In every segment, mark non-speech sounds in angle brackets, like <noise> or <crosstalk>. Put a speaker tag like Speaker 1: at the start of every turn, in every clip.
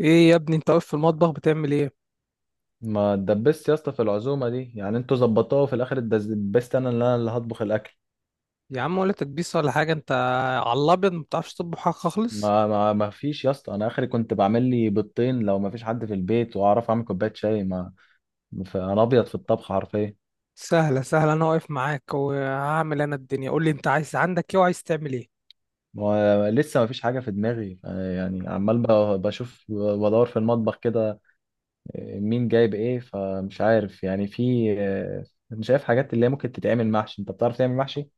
Speaker 1: ايه يا ابني، انت واقف في المطبخ بتعمل ايه؟
Speaker 2: ما اتدبست يا اسطى في العزومه دي، يعني انتوا ظبطوها وفي الاخر اتدبست انا اللي هطبخ الاكل.
Speaker 1: يا عم، ولا تكبيس ولا حاجه انت. على الابيض، ما بتعرفش تطبخ حاجه خالص.
Speaker 2: ما فيش يا اسطى، انا اخري كنت بعمل لي بيضتين لو ما فيش حد في البيت، واعرف اعمل كوبايه شاي. ما انا ابيض في الطبخ حرفيا.
Speaker 1: سهله سهله، انا واقف معاك وهعمل انا الدنيا، قول لي انت عايز عندك ايه وعايز تعمل ايه؟
Speaker 2: ولسه ما فيش حاجه في دماغي، يعني عمال بشوف بدور في المطبخ كده، مين جايب ايه، فمش عارف يعني في. انا شايف حاجات اللي هي ممكن تتعمل محشي. انت بتعرف تعمل محشي؟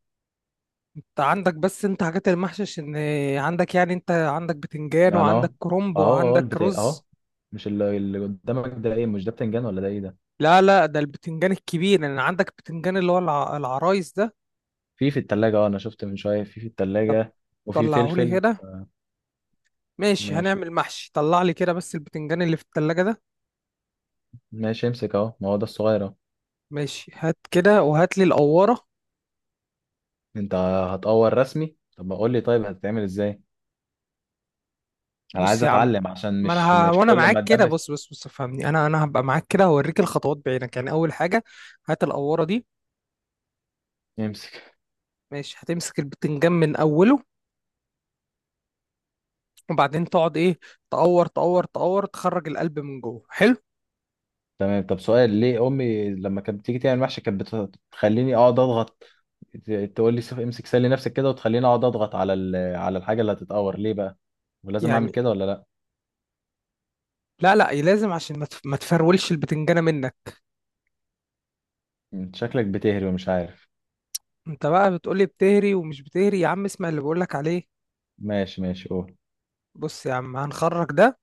Speaker 1: انت عندك بس انت حاجات المحشش ان عندك، يعني انت عندك بتنجان
Speaker 2: يعني اهو
Speaker 1: وعندك كرنب
Speaker 2: اهو اهو
Speaker 1: وعندك
Speaker 2: البتاع اهو.
Speaker 1: رز.
Speaker 2: مش اللي قدامك ده ايه؟ مش ده بتنجان ولا ده ايه ده؟
Speaker 1: لا لا، ده البتنجان الكبير، يعني عندك بتنجان اللي هو العرايس ده.
Speaker 2: في التلاجة، انا شفت من شوية في
Speaker 1: طب
Speaker 2: التلاجة، وفي
Speaker 1: طلعهولي
Speaker 2: فلفل.
Speaker 1: كده. ماشي،
Speaker 2: ماشي،
Speaker 1: هنعمل محشي، طلع لي كده بس البتنجان اللي في التلاجة ده.
Speaker 2: ماشي، امسك اهو، ما هو ده الصغير اهو.
Speaker 1: ماشي، هات كده وهات لي القوارة.
Speaker 2: انت هتقور رسمي؟ طب ما قول لي طيب، هتتعمل ازاي؟ انا
Speaker 1: بص
Speaker 2: عايز
Speaker 1: يا عم،
Speaker 2: اتعلم عشان
Speaker 1: ما انا
Speaker 2: مش مش
Speaker 1: وانا
Speaker 2: كل ما
Speaker 1: معاك كده،
Speaker 2: اتدبس.
Speaker 1: بص بص بص فهمني، انا هبقى معاك كده هوريك الخطوات بعينك، يعني اول حاجه، هات القوره دي.
Speaker 2: امسك.
Speaker 1: ماشي، هتمسك البتنجان من اوله، وبعدين تقعد ايه، تقور تقور تقور، تخرج القلب من جوه. حلو.
Speaker 2: <laughs> تمام، طب سؤال: ليه امي لما كانت بتيجي تعمل محشي كانت بتخليني اقعد اضغط؟ ت- تقول لي امسك سلي نفسك كده، وتخليني اقعد اضغط على الحاجة اللي هتتقور؟ ليه بقى؟ ولازم اعمل
Speaker 1: يعني
Speaker 2: كده ولا لا؟
Speaker 1: لا لا لازم، عشان ما تفرولش البتنجانه منك.
Speaker 2: انت شكلك بتهري ومش عارف.
Speaker 1: انت بقى بتقولي بتهري ومش بتهري، يا عم اسمع اللي بقولك عليه.
Speaker 2: ماشي، ماشي، قول.
Speaker 1: بص يا عم، هنخرج ده،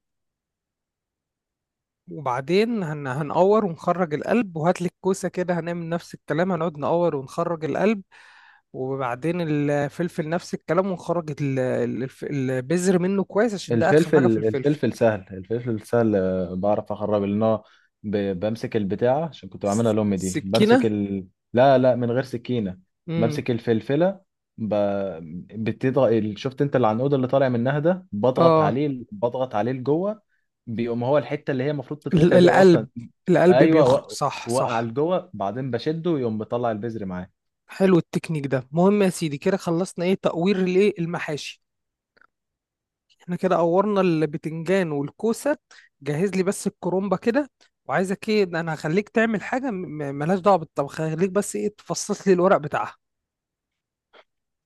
Speaker 1: وبعدين هنقور ونخرج القلب، وهات لك كوسه كده، هنعمل نفس الكلام، هنقعد نقور ونخرج القلب. وبعدين الفلفل نفس الكلام، ونخرج البذر منه كويس عشان ده ارخم
Speaker 2: الفلفل،
Speaker 1: حاجه في الفلفل.
Speaker 2: الفلفل سهل، الفلفل سهل، بعرف اخرب، لان هو بمسك البتاعة، عشان كنت بعملها لأمي دي،
Speaker 1: سكينه.
Speaker 2: لا، لا، من غير سكينة،
Speaker 1: امم
Speaker 2: بمسك الفلفلة، ب... بتضغط شفت انت العنقود اللي طالع منها ده، بضغط
Speaker 1: اه.
Speaker 2: عليه، بضغط عليه لجوه، بيقوم هو الحتة اللي هي المفروض تتقطع دي
Speaker 1: القلب،
Speaker 2: اصلا،
Speaker 1: القلب
Speaker 2: ايوه،
Speaker 1: بيخرج، صح
Speaker 2: وقع
Speaker 1: صح.
Speaker 2: لجوه، بعدين بشده يقوم مطلع البذر معاه.
Speaker 1: حلو، التكنيك ده مهم يا سيدي. كده خلصنا ايه، تقوير الايه المحاشي. احنا كده قورنا البتنجان والكوسه. جهز لي بس الكرومبه كده. وعايزك ايه، ده انا هخليك تعمل حاجه ملهاش دعوه بالطبخ، هخليك بس ايه تفصص لي الورق بتاعها.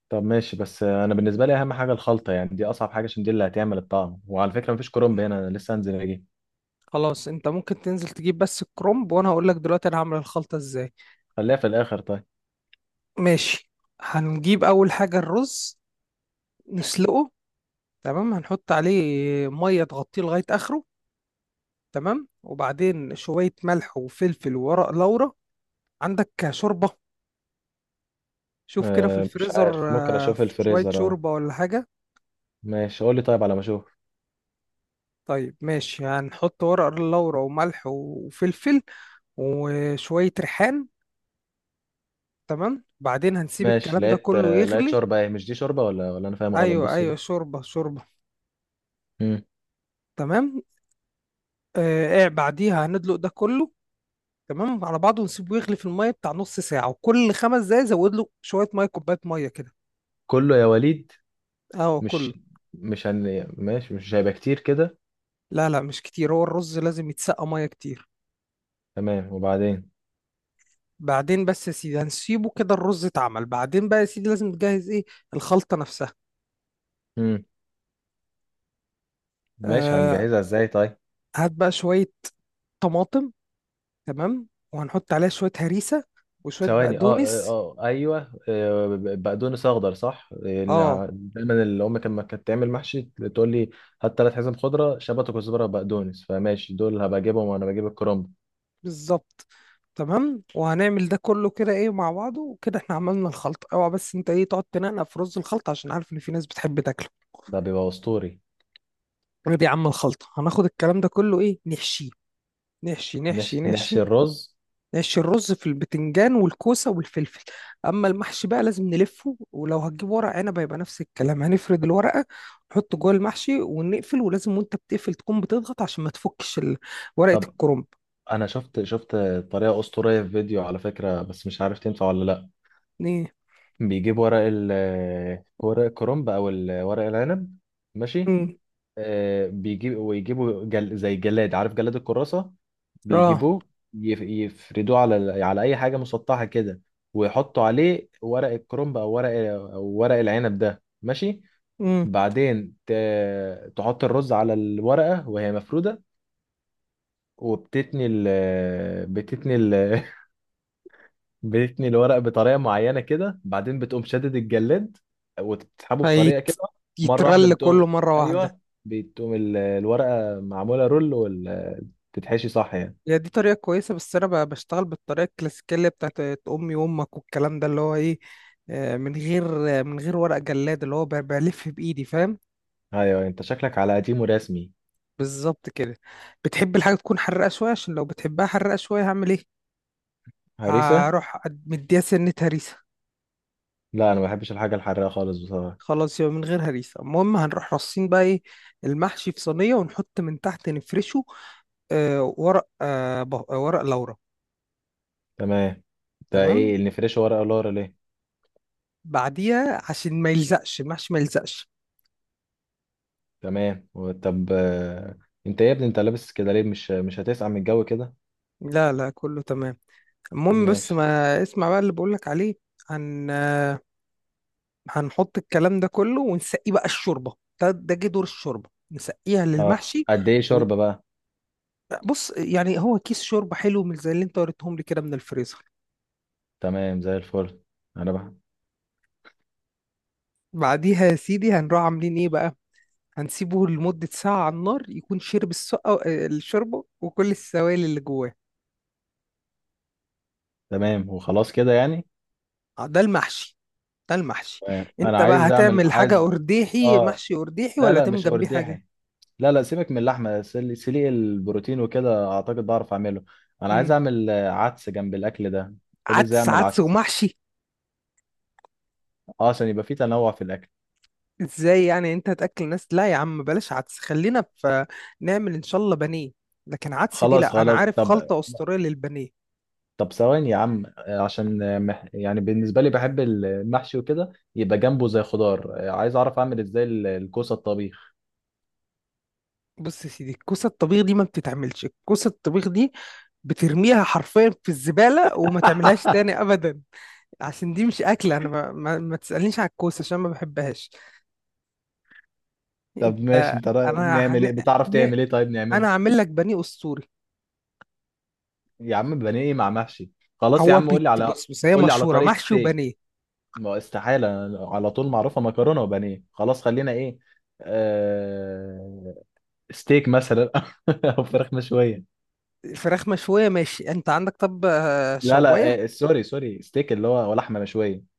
Speaker 2: طب ماشي، بس انا بالنسبه لي اهم حاجه الخلطه، يعني دي اصعب حاجه، عشان دي اللي هتعمل الطعم. وعلى فكره مفيش كرنب هنا، انا لسه هنزل اجيب.
Speaker 1: خلاص، انت ممكن تنزل تجيب بس الكرنب، وانا هقول لك دلوقتي انا هعمل الخلطة ازاي.
Speaker 2: خليها في الاخر طيب.
Speaker 1: ماشي، هنجيب اول حاجة الرز، نسلقه. تمام، هنحط عليه مية تغطيه لغاية اخره. تمام، وبعدين شوية ملح وفلفل وورق لورا. عندك شوربة؟ شوف كده في
Speaker 2: أه، مش
Speaker 1: الفريزر.
Speaker 2: عارف، ممكن اشوف
Speaker 1: شوية
Speaker 2: الفريزر. اه،
Speaker 1: شوربة ولا حاجة؟
Speaker 2: ماشي، قول لي طيب، على ما اشوف.
Speaker 1: طيب ماشي، هنحط ورق لورا وملح وفلفل وشوية ريحان. تمام، بعدين هنسيب
Speaker 2: ماشي،
Speaker 1: الكلام ده
Speaker 2: لقيت،
Speaker 1: كله
Speaker 2: آه، لقيت
Speaker 1: يغلي.
Speaker 2: شوربه. ايه؟ مش دي شوربه ولا انا فاهم غلط؟
Speaker 1: ايوه
Speaker 2: بص هنا.
Speaker 1: ايوه، شوربة شوربة.
Speaker 2: مم.
Speaker 1: تمام. بعديها هندلق ده كله. تمام على بعضه، ونسيبه يغلي في الميه بتاع نص ساعه، وكل خمس دقايق زود له شويه ميه، كوبايه ميه كده.
Speaker 2: كله يا وليد؟
Speaker 1: اه، كله.
Speaker 2: مش مش ماشي، مش هيبقى كتير كده؟
Speaker 1: لا لا مش كتير، هو الرز لازم يتسقى ميه كتير.
Speaker 2: تمام، وبعدين؟
Speaker 1: بعدين بس يا سيدي، هنسيبه كده الرز اتعمل، بعدين بقى يا سيدي لازم تجهز ايه، الخلطه نفسها.
Speaker 2: مم. ماشي،
Speaker 1: آه.
Speaker 2: هنجهزها ازاي طيب؟
Speaker 1: هات بقى شويه طماطم. تمام. وهنحط عليها شويه هريسه وشويه
Speaker 2: ثواني، اه، اه،
Speaker 1: بقدونس.
Speaker 2: آه، ايوه، بقدونس اخضر صح؟ اللي
Speaker 1: اه،
Speaker 2: دايما اللي امي لما كانت تعمل محشي تقول لي: هات 3 حزم خضره، شبت وكزبره وبقدونس. فماشي، دول هبقى اجيبهم وانا بجيب الكرنب.
Speaker 1: بالظبط. تمام، وهنعمل ده كله كده ايه مع بعضه، وكده احنا عملنا الخلطة. اوعى بس انت ايه تقعد تنقنق في رز الخلطة، عشان عارف ان في ناس بتحب تاكله.
Speaker 2: ده بيبقى اسطوري.
Speaker 1: ايه يا عم، الخلطة هناخد الكلام ده كله ايه، نحشيه. نحشي نحشي
Speaker 2: نحشي, نحشي
Speaker 1: نحشي.
Speaker 2: الرز.
Speaker 1: نحشي الرز في البتنجان والكوسة والفلفل. اما المحشي بقى لازم نلفه، ولو هتجيب ورق عنب هيبقى نفس الكلام، هنفرد الورقة نحطه جوه المحشي ونقفل، ولازم وانت بتقفل تكون بتضغط عشان ما تفكش ورقة
Speaker 2: طب
Speaker 1: الكرنب.
Speaker 2: انا شفت، شفت طريقه اسطوريه في فيديو على فكره، بس مش عارف تنفع ولا لا.
Speaker 1: ايه؟
Speaker 2: بيجيب ورق ال آه، ورق الكرنب او ورق العنب. ماشي،
Speaker 1: امم
Speaker 2: بيجيب، ويجيبوا زي جلاد، عارف جلاد الكراسة؟
Speaker 1: اه.
Speaker 2: بيجيبوه، يفردوه على أي حاجة مسطحة كده، ويحطوا عليه ورق الكرنب أو ورق العنب ده، ماشي.
Speaker 1: مم.
Speaker 2: بعدين تحط الرز على الورقة وهي مفرودة، وبتتني ال... بتتني ال... <laughs> بتثني الورق بطريقه معينه كده، بعدين بتقوم شادد الجلاد، وتسحبه بطريقه كده، مره واحده
Speaker 1: فيترل
Speaker 2: بتقوم.
Speaker 1: كله مرة واحدة.
Speaker 2: ايوه، بتقوم الورقه معموله رول، وال تتحشي صح يعني.
Speaker 1: هي دي طريقة كويسة، بس أنا بشتغل بالطريقة الكلاسيكية اللي بتاعت أمي وأمك والكلام ده اللي هو إيه. من غير ورق جلاد اللي هو بلف بإيدي، فاهم؟
Speaker 2: ايوه انت شكلك على قديم ورسمي.
Speaker 1: بالظبط كده. بتحب الحاجة تكون حرقة شوية؟ عشان لو بتحبها حرقة شوية هعمل إيه،
Speaker 2: هريسه.
Speaker 1: هروح مديها سنة هريسة.
Speaker 2: لا، انا ما بحبش الحاجه الحراقه خالص بصراحه.
Speaker 1: خلاص، يبقى من غير هريسة. المهم هنروح رصين بقى إيه، المحشي في صينية، ونحط من تحت نفرشه ورق لورا.
Speaker 2: تمام. ده
Speaker 1: تمام.
Speaker 2: ايه اللي نفرشه؟ ورقه لورا ليه؟
Speaker 1: بعديها عشان ما يلزقش المحشي، ما يلزقش.
Speaker 2: تمام طب، انت يا ابني انت لابس كده ليه؟ مش هتسقع من الجو كده؟
Speaker 1: لا لا كله تمام. المهم بس
Speaker 2: ماشي.
Speaker 1: ما اسمع بقى اللي بقولك عليه. هن آه، هنحط الكلام ده كله ونسقيه بقى الشوربة. ده جه دور الشوربة نسقيها
Speaker 2: اه،
Speaker 1: للمحشي.
Speaker 2: قد ايه
Speaker 1: و...
Speaker 2: شوربه بقى؟
Speaker 1: بص يعني هو كيس شوربة حلو من زي اللي انت وريتهم لي كده من الفريزر.
Speaker 2: تمام زي الفل. انا بح...
Speaker 1: بعديها يا سيدي هنروح عاملين ايه بقى، هنسيبه لمدة ساعة على النار يكون شرب السقة الشوربة وكل السوائل اللي جواه.
Speaker 2: تمام، وخلاص كده يعني؟
Speaker 1: ده المحشي. ده المحشي.
Speaker 2: تمام، انا
Speaker 1: انت بقى
Speaker 2: عايز اعمل،
Speaker 1: هتعمل حاجة
Speaker 2: عايز.
Speaker 1: قرديحي
Speaker 2: اه.
Speaker 1: محشي قرديحي
Speaker 2: لا،
Speaker 1: ولا
Speaker 2: لا،
Speaker 1: هتعمل
Speaker 2: مش
Speaker 1: جنبيه حاجة؟
Speaker 2: ارداحي. لا، لا، سيبك من اللحمه، سليق البروتين وكده اعتقد بعرف اعمله. انا عايز
Speaker 1: مم.
Speaker 2: اعمل، عدس جنب الاكل ده. قول ازاي
Speaker 1: عدس
Speaker 2: اعمل
Speaker 1: عدس
Speaker 2: عدس.
Speaker 1: ومحشي؟
Speaker 2: اه، عشان يبقى فيه تنوع في الاكل.
Speaker 1: ازاي يعني، انت هتاكل ناس؟ لا يا عم بلاش عدس، خلينا في، نعمل ان شاء الله بانيه. لكن عدس دي
Speaker 2: خلاص،
Speaker 1: لا، انا
Speaker 2: خلاص،
Speaker 1: عارف
Speaker 2: طب،
Speaker 1: خلطة اسطورية للبانيه.
Speaker 2: طب ثواني يا عم، عشان يعني بالنسبه لي بحب المحشي وكده، يبقى جنبه زي خضار، عايز اعرف اعمل ازاي الكوسه الطبيخ.
Speaker 1: بص يا سيدي، الكوسة الطبيخ دي ما بتتعملش، الكوسة الطبيخ دي بترميها حرفيا في الزبالة وما تعملهاش تاني
Speaker 2: <laughs>
Speaker 1: ابدا. عشان دي مش اكل، انا ما تسألنيش على الكوسة عشان ما بحبهاش.
Speaker 2: طب
Speaker 1: انت.
Speaker 2: ماشي، انت
Speaker 1: انا
Speaker 2: نعمل
Speaker 1: هن...
Speaker 2: ايه؟ بتعرف تعمل ايه طيب
Speaker 1: انا
Speaker 2: نعمله؟
Speaker 1: هعمل لك بانيه اسطوري.
Speaker 2: يا عم بانيه إيه مع محشي؟ خلاص يا
Speaker 1: هو
Speaker 2: عم قول
Speaker 1: بيت،
Speaker 2: لي على،
Speaker 1: بص بص هي
Speaker 2: قول لي على
Speaker 1: مشهوره
Speaker 2: طريقة
Speaker 1: محشي
Speaker 2: ستيك،
Speaker 1: وبانيه.
Speaker 2: ما استحالة على طول معروفة مكرونة وبانيه. خلاص خلينا ايه آه... ستيك مثلا. <laughs> او فراخ مشوية.
Speaker 1: الفراخ مشويه ماشي، انت عندك طب
Speaker 2: لا،
Speaker 1: شوايه؟
Speaker 2: لا، سوري، سوري، ستيك اللي هو هو لحمة مشوية.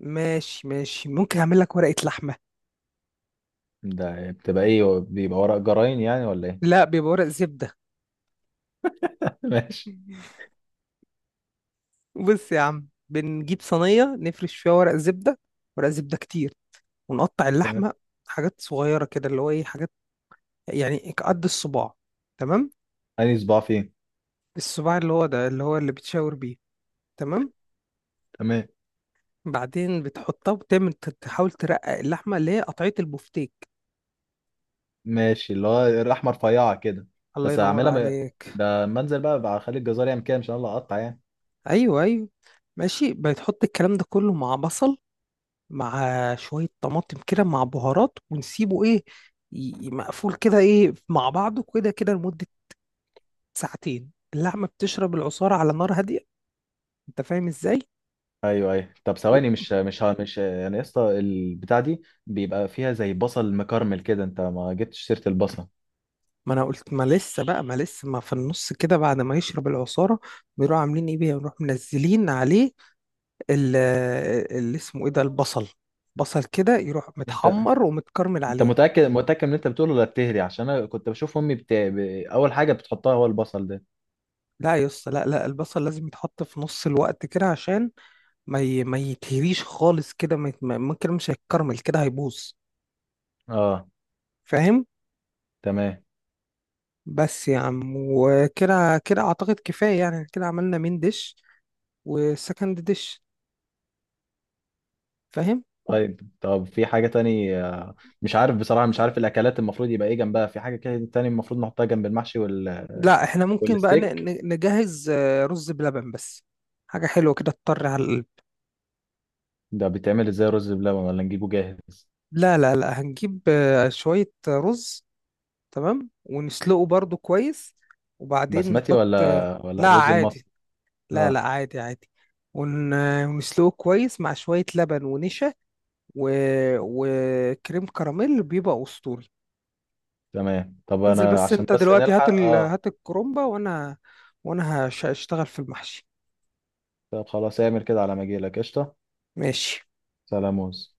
Speaker 1: ماشي ماشي ممكن اعمل لك ورقه لحمه.
Speaker 2: ده بتبقى ايه؟ بيبقى ورق جراين يعني ولا ايه؟
Speaker 1: لا بيبقى ورق زبده.
Speaker 2: <laughs> ماشي.
Speaker 1: <laughs> بص يا عم بنجيب صينيه نفرش فيها ورق زبده، ورق زبده كتير، ونقطع
Speaker 2: تمام.
Speaker 1: اللحمه حاجات صغيره كده اللي هو ايه، حاجات يعني قد الصباع. تمام.
Speaker 2: انهي صباع فين؟
Speaker 1: الصباع اللي هو ده اللي هو اللي بتشاور بيه. تمام.
Speaker 2: تمام.
Speaker 1: بعدين بتحطها وتعمل تحاول ترقق اللحمه اللي هي قطعيه البفتيك.
Speaker 2: ماشي، اللي هو اللحمة رفيعة كده.
Speaker 1: الله
Speaker 2: بس
Speaker 1: ينور
Speaker 2: هعملها
Speaker 1: عليك.
Speaker 2: ده منزل، بقى اخلي الجزار يعمل كده، مش انا اللي اقطع يعني.
Speaker 1: ايوه ايوه، ماشي، بتحط الكلام ده كله مع بصل، مع شوية طماطم كده مع بهارات، ونسيبه ايه، مقفول كده ايه مع بعضه كده كده لمدة ساعتين، اللحمة بتشرب العصارة على نار هادية. انت فاهم ازاي؟
Speaker 2: ايوه، ايوه، طب
Speaker 1: وب-
Speaker 2: ثواني، مش يعني، يا اسطى البتاع دي بيبقى فيها زي بصل مكرمل كده، انت ما جبتش سيره البصل.
Speaker 1: ما انا قلت، ما لسه بقى ما لسه ما في النص كده بعد ما يشرب العصارة، بيروحوا عاملين ايه بيه، بيروحوا منزلين عليه ال- اللي اسمه ايه ده البصل، بصل كده يروح
Speaker 2: انت
Speaker 1: متحمر ومتكرمل
Speaker 2: انت
Speaker 1: عليه.
Speaker 2: متاكد متاكد من اللي انت بتقوله ولا بتهري؟ عشان انا كنت بشوف امي اول حاجه بتحطها هو البصل ده.
Speaker 1: لا يا اسطى لا لا، البصل لازم يتحط في نص الوقت كده، عشان ما يتهريش خالص كده، ما يت... ما- ممكن مش هيتكرمل كده هيبوظ.
Speaker 2: اه.
Speaker 1: فاهم؟
Speaker 2: تمام.
Speaker 1: بس يا عم وكده كده اعتقد كفايه، يعني كده عملنا مين ديش وسكند ديش. فاهم؟
Speaker 2: طيب، طب في حاجه تاني، مش عارف بصراحه، مش عارف الاكلات المفروض يبقى ايه جنبها، في حاجه كده تاني المفروض نحطها جنب المحشي
Speaker 1: لا احنا ممكن بقى
Speaker 2: والستيك؟
Speaker 1: نجهز رز بلبن بس، حاجه حلوه كده تطر على القلب.
Speaker 2: ده بيتعمل ازاي، رز بلبن ولا نجيبه جاهز؟
Speaker 1: لا لا لا هنجيب شويه رز، تمام، ونسلقه برضو كويس، وبعدين
Speaker 2: بسمتي
Speaker 1: نحط
Speaker 2: ولا ولا
Speaker 1: لا
Speaker 2: الرز
Speaker 1: عادي،
Speaker 2: المصري؟
Speaker 1: لا لا
Speaker 2: اه.
Speaker 1: عادي عادي. ون... ونسلقه كويس مع شوية لبن ونشا، و... وكريم كراميل بيبقى أسطوري.
Speaker 2: تمام، طب
Speaker 1: انزل
Speaker 2: انا
Speaker 1: بس
Speaker 2: عشان
Speaker 1: انت
Speaker 2: بس
Speaker 1: دلوقتي،
Speaker 2: نلحق. اه،
Speaker 1: هات الكرومبة، وانا هشتغل في المحشي.
Speaker 2: طب خلاص، اعمل كده على ما اجيلك قشطه.
Speaker 1: ماشي.
Speaker 2: سلاموز.